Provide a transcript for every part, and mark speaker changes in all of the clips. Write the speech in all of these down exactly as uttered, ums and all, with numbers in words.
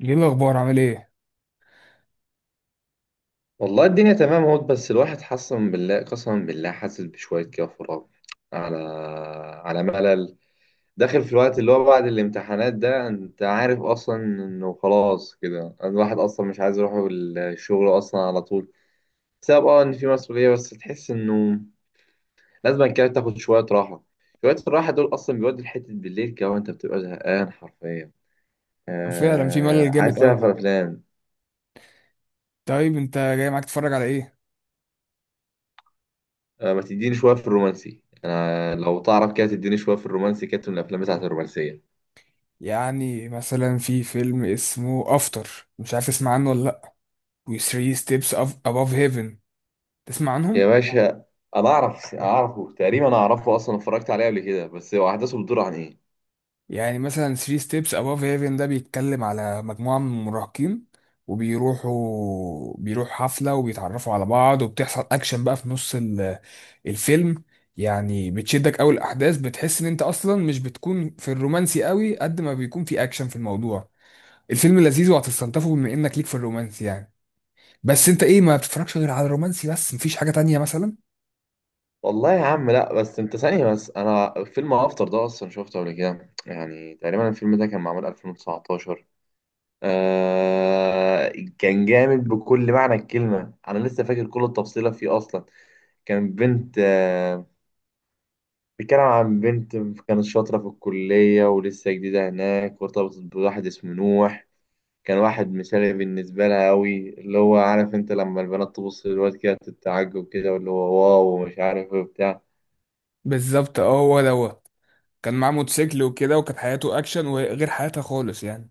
Speaker 1: ايه الاخبار، عامل ايه؟
Speaker 2: والله الدنيا تمام اهو. بس الواحد حسن بالله، قسما بالله حاسس بشوية كده فراغ، على على ملل داخل في الوقت اللي هو بعد الامتحانات ده. انت عارف اصلا انه خلاص كده الواحد اصلا مش عايز يروح الشغل اصلا على طول بسبب اه ان في مسؤولية، بس تحس انه لازم كده تاخد شوية راحة. شوية الراحة دول اصلا بيودوا لحتة بالليل كده وانت بتبقى زهقان حرفيا.
Speaker 1: فعلا في ملل
Speaker 2: آه،
Speaker 1: جامد
Speaker 2: عايز
Speaker 1: قوي.
Speaker 2: تعمل افلام.
Speaker 1: طيب انت جاي معاك تتفرج على ايه؟
Speaker 2: آه، ما تديني شوية في الرومانسي، أنا لو تعرف كده تديني شوية في الرومانسي كده من الأفلام بتاعت الرومانسية.
Speaker 1: يعني مثلا في فيلم اسمه افتر، مش عارف تسمع عنه ولا لا. و ثلاث ستيبس above heaven، تسمع
Speaker 2: يا
Speaker 1: عنهم؟
Speaker 2: باشا، أنا أعرف، أعرفه تقريبا، أعرفه أصلا، اتفرجت عليه قبل كده. بس هو أحداثه بتدور عن إيه؟
Speaker 1: يعني مثلا ثلاث ستيبس above heaven ده بيتكلم على مجموعة من المراهقين، وبيروحوا بيروحوا حفلة وبيتعرفوا على بعض وبتحصل اكشن بقى في نص ال- الفيلم. يعني بتشدك قوي الاحداث، بتحس ان انت اصلا مش بتكون في الرومانسي قوي قد ما بيكون في اكشن في الموضوع. الفيلم لذيذ وهتستلطفه بما انك ليك في الرومانسي يعني. بس انت ايه، ما بتتفرجش غير على الرومانسي بس، مفيش حاجة تانية مثلا؟
Speaker 2: والله يا عم لا، بس أنت ثانية بس، أنا فيلم أفطر ده أصلا شفته قبل كده. يعني تقريبا الفيلم ده كان معمول ألفين وتسعطاشر. آه، كان جامد بكل معنى الكلمة، أنا لسه فاكر كل التفصيلة فيه أصلا. كان بنت، آه، بيتكلم عن بنت كانت شاطرة في الكلية ولسه جديدة هناك، وارتبطت بواحد اسمه نوح. كان واحد مثالي بالنسبة لها أوي، اللي هو عارف، أنت لما البنات تبص للواد كده تتعجب كده، واللي هو واو ومش عارف إيه وبتاع.
Speaker 1: بالظبط. اه هو دوت كان معاه موتوسيكل وكده، وكانت حياته اكشن وغير حياتها خالص يعني.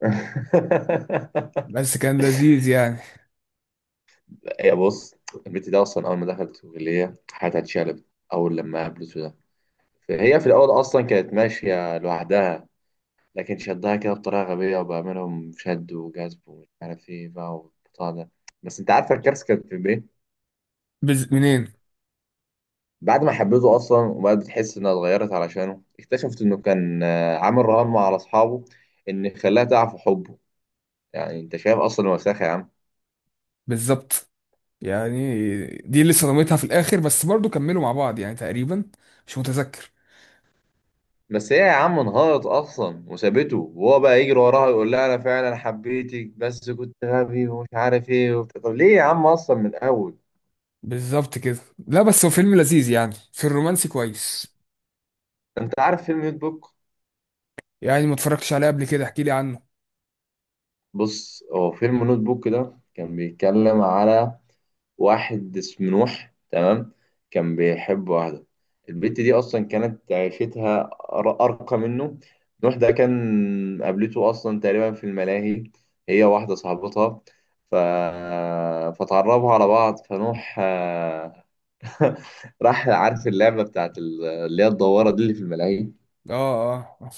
Speaker 1: بس كان لذيذ يعني.
Speaker 2: هي بص، البنت دي أصلا أول ما دخلت الكلية حياتها اتشقلبت، أول لما قابلته ده. فهي في الأول أصلا كانت ماشية لوحدها، لكن شدها كده بطريقة غبية، وبعملهم شد وجذب ومش عارف ايه بقى والبتاع ده. بس انت عارفة الكارثة كانت في ايه؟
Speaker 1: بز... منين؟
Speaker 2: بعد ما حبيته اصلا وبقت بتحس انها اتغيرت علشانه، اكتشفت انه كان آه، عامل رهان مع اصحابه ان خلاها تعرف حبه. يعني انت شايف اصلا وساخة يا عم.
Speaker 1: بالظبط. يعني دي اللي صدمتها في الاخر، بس برضو كملوا مع بعض يعني تقريبا. مش متذكر.
Speaker 2: بس هي يا عم انهارت اصلا وسابته، وهو بقى يجري وراها يقول لها انا فعلا حبيتك بس كنت غبي ومش عارف ايه وبتاع. طب ليه يا عم اصلا من الاول؟
Speaker 1: بالظبط كده. لا بس هو فيلم لذيذ يعني في الرومانسي كويس.
Speaker 2: انت عارف فيلم نوت بوك؟
Speaker 1: يعني ما اتفرجتش عليه قبل كده، احكي لي عنه.
Speaker 2: بص، هو فيلم نوت بوك ده كان بيتكلم على واحد اسمه نوح، تمام؟ كان بيحب واحدة، البت دي أصلا كانت عيشتها أر- أرقى منه. نوح ده كان قابلته أصلا تقريبا في الملاهي، هي واحدة صاحبتها، ف... فتعرفوا على بعض. فنوح آه، راح عارف اللعبة بتاعت ال- اللي هي الدوارة دي اللي في الملاهي.
Speaker 1: اه اه.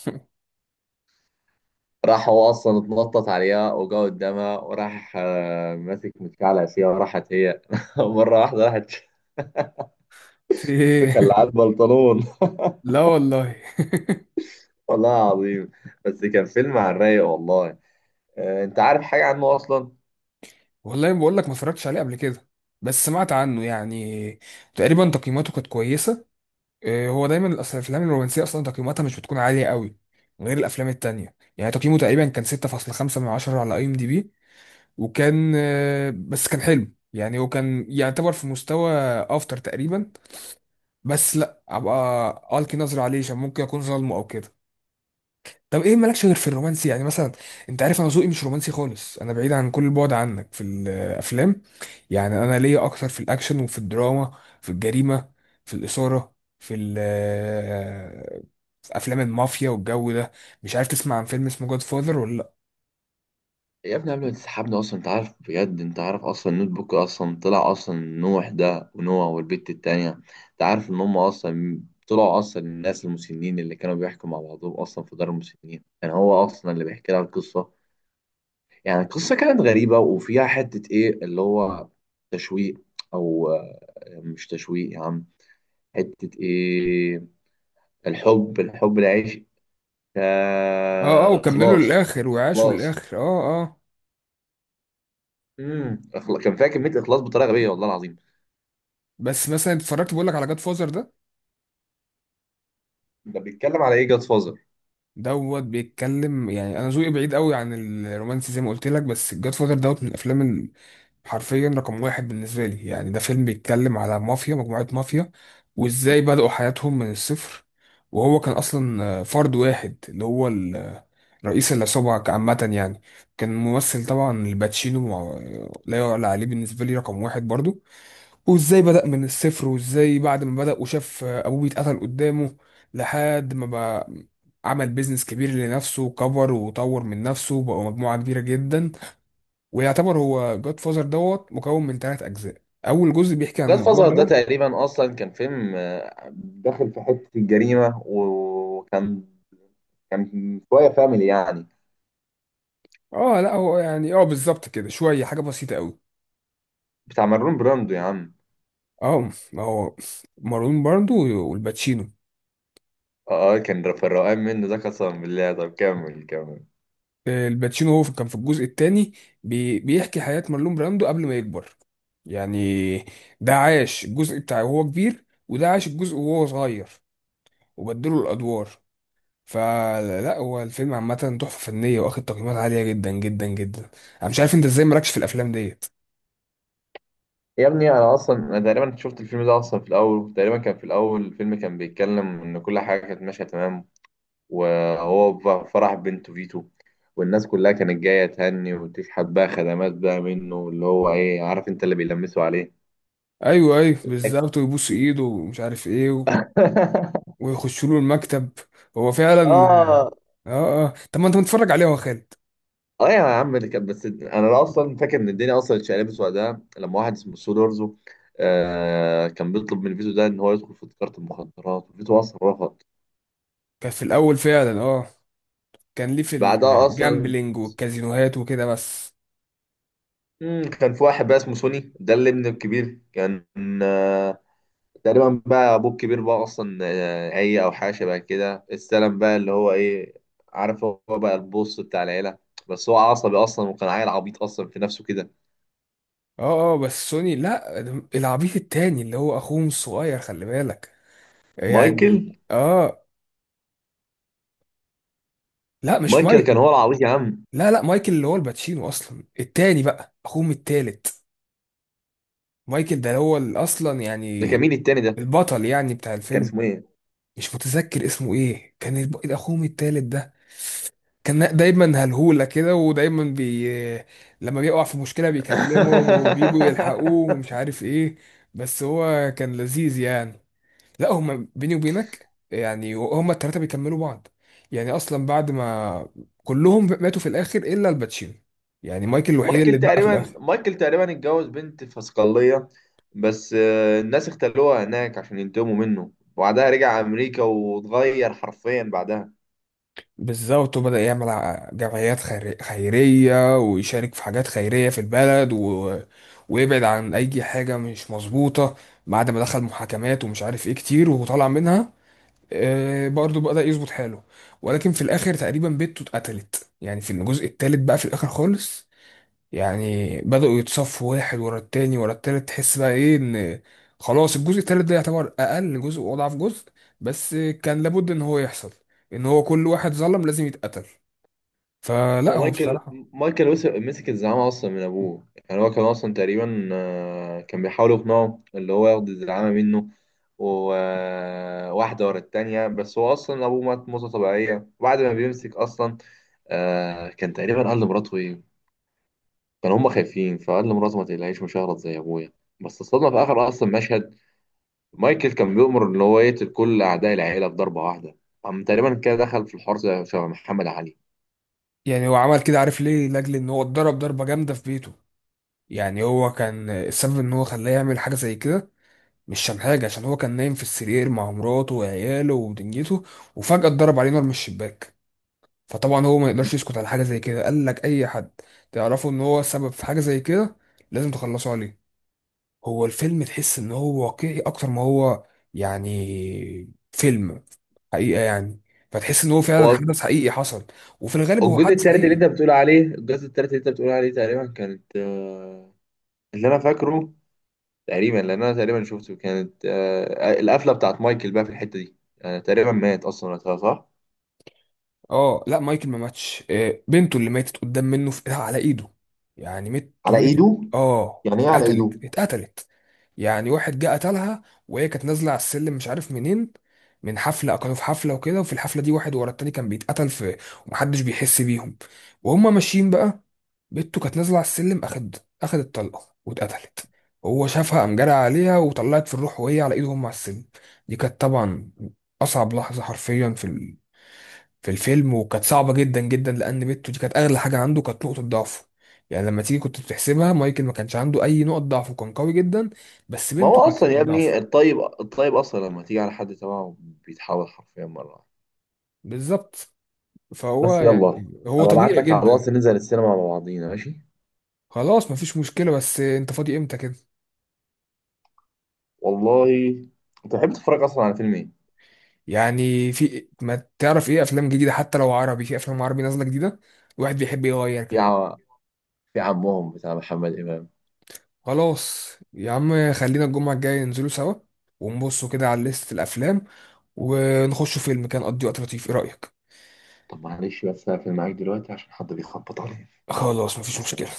Speaker 2: راح هو اصلا اتنطط عليها وجا قدامها وراح، آه، ماسك متكعلع فيها، وراحت هي مره واحده راحت
Speaker 1: في ايه؟
Speaker 2: مخلعات البنطلون.
Speaker 1: لا والله.
Speaker 2: والله العظيم. بس كان فيلم على الرايق والله. آه، انت عارف حاجه عنه اصلا؟
Speaker 1: والله بقول لك ما اتفرجتش عليه قبل كده، بس سمعت عنه يعني. تقريبا تقييماته كانت كويسه. آه، هو دايما الأس- الافلام الرومانسيه اصلا تقييماتها مش بتكون عاليه قوي غير الافلام التانية. يعني تقييمه تقريبا كان ستة فاصلة خمسة من عشرة على اي ام دي بي. وكان آه، بس كان حلو يعني، هو كان يعتبر في مستوى افتر تقريبا. بس لا، ابقى القي نظره عليه عشان ممكن اكون ظالمه او كده. طب ايه مالكش غير في الرومانسي يعني مثلا؟ انت عارف انا ذوقي مش رومانسي خالص، انا بعيد عن كل البعد عنك في الافلام. يعني انا ليا اكتر في الاكشن وفي الدراما، في الجريمه، في الاثاره، في ال- في افلام المافيا والجو ده. مش عارف تسمع عن فيلم اسمه جاد فاذر ولا لا؟
Speaker 2: يا ابني قبل ما تسحبنا اصلا، انت عارف بجد، انت عارف اصلا النوت بوك اصلا طلع اصلا نوح ده ونوح والبت التانيه، انت عارف ان هم اصلا طلعوا اصلا الناس المسنين اللي كانوا بيحكوا مع بعضهم اصلا في دار المسنين، كان يعني هو اصلا اللي بيحكي لها القصه. يعني القصة كانت غريبة وفيها حتة إيه اللي هو تشويق، أو آه، مش تشويق يا عم، حتة إيه، الحب، الحب العيش،
Speaker 1: اه اه،
Speaker 2: آه،
Speaker 1: وكملوا
Speaker 2: إخلاص.
Speaker 1: للاخر وعاشوا
Speaker 2: إخلاص،
Speaker 1: للاخر، اه. اه
Speaker 2: امم إخلا- كان فيها كمية إخلاص بطريقة غبية والله العظيم.
Speaker 1: بس مثلا اتفرجت بقول لك على جاد فاذر ده.
Speaker 2: ده بيتكلم على إيه جاد فازر؟
Speaker 1: دوت بيتكلم يعني، انا ذوقي بعيد قوي عن الرومانسي زي ما قلت لك، بس الجاد فادر دوت من الافلام ال- حرفيا رقم واحد بالنسبه لي. يعني ده فيلم بيتكلم على مافيا، مجموعه مافيا، وازاي بدأوا حياتهم من الصفر. وهو كان اصلا فرد واحد اللي هو ال- رئيس العصابه عامه يعني. كان ممثل طبعا الباتشينو مع- لا يعلى عليه بالنسبه لي، رقم واحد برضو. وازاي بدأ من الصفر، وازاي بعد ما بدأ وشاف ابوه بيتقتل قدامه، لحد ما بقى عمل بيزنس كبير لنفسه وكبر وطور من نفسه وبقى مجموعة كبيرة جدا. ويعتبر هو جاد فازر دوت مكون من ثلاث اجزاء. اول جزء بيحكي عن
Speaker 2: جاد
Speaker 1: الموضوع
Speaker 2: فازر ده
Speaker 1: دوت.
Speaker 2: تقريبا أصلا كان فيلم، آه، داخل في حتة الجريمة، وكان كان شوية فاميلي يعني،
Speaker 1: اه لا هو يعني، اه بالظبط كده، شوية حاجة بسيطة قوي.
Speaker 2: بتاع مارلون براندو يا عم.
Speaker 1: اه ما هو مارون باردو والباتشينو.
Speaker 2: اه، كان في الروقان منه ده قسما بالله. طب كمل، كمل.
Speaker 1: آه، الباتشينو هو كان في الجزء الثاني، بيحكي حياة مارلون براندو قبل ما يكبر. يعني ده عاش الجزء بتاعه وهو كبير، وده عاش الجزء وهو صغير، وبدلوا الأدوار. فلا هو الفيلم عامة تحفة فنية، واخد تقييمات عالية جدا جدا جدا. انا مش عارف انت ازاي مالكش في الافلام ديت.
Speaker 2: يا ابني انا اصلا، انا تقريبا شفت الفيلم ده اصلا في الاول، تقريبا كان في الاول الفيلم كان بيتكلم ان كل حاجه كانت ماشيه تمام، وهو ف- فرح بنته فيتو، والناس كلها كانت جايه تهني وتشحت بقى خدمات بقى منه، اللي هو ايه عارف انت، اللي بيلمسوا عليه.
Speaker 1: ايوه ايوه بالظبط، ويبوس ايده ومش عارف ايه و... ويخشوا له المكتب. هو فعلا.
Speaker 2: اه،
Speaker 1: اه اه، طب ما انت متفرج عليه يا خالد.
Speaker 2: اه يا عم. اللي كان بس انا اصلا فاكر ان الدنيا اصلا اتشقلبت وقتها لما واحد اسمه سولو ارزو، آه كان بيطلب من فيتو ده ان هو يدخل في تجاره المخدرات، وفيتو اصلا رفض.
Speaker 1: كان في الاول فعلا اه، كان ليه في
Speaker 2: بعدها اصلا،
Speaker 1: الجامبلينج والكازينوهات وكده بس.
Speaker 2: مم، كان في واحد بقى اسمه سوني، ده اللي ابنه الكبير كان، آه تقريبا بقى ابوه الكبير بقى اصلا، آه عي او حاجه شبه كده، استلم بقى اللي هو ايه عارف، هو بقى البوس بتاع العيله. بس هو عصبي اصلا، وكان عيل عبيط اصلا في نفسه كده.
Speaker 1: اه اه بس سوني لا، العبيط التاني اللي هو اخوهم الصغير، خلي بالك
Speaker 2: مايكل.
Speaker 1: يعني. اه لا مش
Speaker 2: مايكل كان
Speaker 1: مايكل.
Speaker 2: هو العبيط يا عم.
Speaker 1: لا لا، مايكل اللي هو الباتشينو اصلا التاني بقى، اخوهم التالت. مايكل ده هو ال- اصلا
Speaker 2: ده كان
Speaker 1: يعني
Speaker 2: مين التاني ده؟
Speaker 1: البطل يعني بتاع
Speaker 2: كان
Speaker 1: الفيلم.
Speaker 2: اسمه ايه؟
Speaker 1: مش متذكر اسمه ايه، كان الب- اخوهم التالت ده. كان دايما هلهولة كده، ودايما بي، لما بيقع في مشكلة بيكلمهم وبيجوا يلحقوه ومش عارف ايه. بس هو كان لذيذ يعني. لا هما بيني وبينك يعني، هما التلاتة بيكملوا بعض. يعني اصلا بعد ما كلهم ماتوا في الاخر الا الباتشينو. يعني مايكل الوحيد
Speaker 2: مايكل
Speaker 1: اللي اتبقى في
Speaker 2: تقريبا،
Speaker 1: الاخر.
Speaker 2: مايكل تقريبا اتجوز بنت في صقلية، بس آه، الناس اختلوها هناك عشان ينتقموا منه، وبعدها رجع امريكا واتغير حرفيا بعدها.
Speaker 1: بالظبط، وبدأ يعمل ع- جمعيات خير- خيرية، ويشارك في حاجات خيرية في البلد و... ويبعد عن أي حاجة مش مظبوطة. بعد ما دخل محاكمات ومش عارف إيه كتير وطلع منها، آه برضه بدأ يظبط حاله. ولكن في الآخر تقريبا بنته اتقتلت، يعني في الجزء التالت بقى في الآخر خالص. يعني بدأوا يتصفوا واحد ورا التاني ورا التالت، تحس بقى ايه ان خلاص الجزء التالت ده يعتبر اقل جزء واضعف جزء. بس كان لابد ان هو يحصل، ان هو كل واحد ظلم لازم يتقتل.
Speaker 2: هو
Speaker 1: فلا هو
Speaker 2: مايكل،
Speaker 1: بصراحة
Speaker 2: مايكل وس- مسك الزعامة اصلا من ابوه. يعني هو كان اصلا تقريبا، آه، كان بيحاول يقنعه اللي هو ياخد الزعامة منه، وواحدة ورا التانية. بس هو أصلا أبوه مات موتة طبيعية، وبعد ما بيمسك أصلا، آه كان تقريبا قال لمراته إيه، كانوا هم خايفين، فقال لمراته ما تقلقيش، مش هغلط زي ابويا. بس الصدمه في اخر اصلا مشهد، مايكل كان بيؤمر ان هو يقتل كل اعداء العيله في ضربه واحده. قام تقريبا كده دخل في الحوار زي شبه محمد علي.
Speaker 1: يعني، هو عمل كده عارف ليه؟ لاجل ان هو اتضرب ضربة جامدة في بيته. يعني هو كان السبب ان هو خلاه يعمل حاجة زي كده، مش عشان حاجة، عشان هو كان نايم في السرير مع مراته وعياله ودنيته، وفجأة اتضرب عليه نار من الشباك. فطبعا هو ما يقدرش يسكت على حاجه زي كده. قال لك اي حد تعرفه ان هو سبب في حاجه زي كده لازم تخلصوا عليه. هو الفيلم تحس ان هو واقعي اكتر ما هو يعني فيلم، حقيقه يعني. فتحس ان هو فعلا
Speaker 2: هو
Speaker 1: حدث حقيقي حصل. وفي الغالب هو
Speaker 2: الجزء
Speaker 1: حدث
Speaker 2: التالت اللي
Speaker 1: حقيقي.
Speaker 2: انت بتقول عليه، الجزء التالت اللي انت بتقول عليه تقريبا كانت، آه، اللي انا فاكره تقريبا، لان انا تقريبا شفته، كانت آه، القفله بتاعت مايكل بقى في الحته دي. آه، تقريبا مات اصلا وقتها، صح؟
Speaker 1: اه لا مايكل ما ماتش، آه، بنته اللي ماتت قدام منه في على ايده. يعني ميته
Speaker 2: على
Speaker 1: ماتت.
Speaker 2: ايده.
Speaker 1: اه
Speaker 2: يعني ايه على ايده؟
Speaker 1: اتقتلت اتقتلت يعني واحد جه قتلها، وهي كانت نازله على السلم مش عارف منين، من حفله. كانوا في حفله وكده، وفي الحفله دي واحد ورا التاني كان بيتقتل في، ومحدش بيحس بيهم وهما ماشيين بقى. بنته كانت نازله على السلم، اخد اخدت طلقه واتقتلت. هو شافها قام جرى عليها وطلعت في الروح وهي على ايده هم على السلم. دي كانت طبعا اصعب لحظه حرفيا في في الفيلم، وكانت صعبة جدا جدا لأن ميتو دي كانت أغلى حاجة عنده، كانت نقطة ضعفه. يعني لما تيجي كنت بتحسبها مايكل ما كانش عنده أي نقط ضعف وكان قوي جدا، بس
Speaker 2: ما هو
Speaker 1: بنته كانت
Speaker 2: اصلا
Speaker 1: نقطة
Speaker 2: يا
Speaker 1: ضعفه.
Speaker 2: ابني، الطيب الطيب اصلا لما تيجي على حد تبعه بيتحول حرفيا مره واحدة.
Speaker 1: بالظبط. فهو
Speaker 2: بس يلا ابقى
Speaker 1: يعني هو
Speaker 2: ابعت
Speaker 1: طبيعي
Speaker 2: لك على الواتس
Speaker 1: جدا.
Speaker 2: ننزل السينما مع بعضينا، ماشي؟
Speaker 1: خلاص مفيش مشكلة، بس أنت فاضي إمتى كده؟
Speaker 2: والله، انت بتحب تتفرج اصلا على فيلم ايه؟
Speaker 1: يعني في، ما تعرف إيه أفلام جديدة، حتى لو عربي، في أفلام عربي نازلة جديدة. الواحد بيحب يغير
Speaker 2: في
Speaker 1: كده.
Speaker 2: ع... في عمهم بتاع محمد امام.
Speaker 1: خلاص يا عم، خلينا الجمعة الجاية ننزلوا سوا، ونبصوا كده على لستة الأفلام، ونخشوا فيلم، كان قضي وقت لطيف، إيه رأيك؟
Speaker 2: طب معلش بس هقفل معاك دلوقتي عشان حد بيخبط عليا.
Speaker 1: خلاص مفيش مشكلة.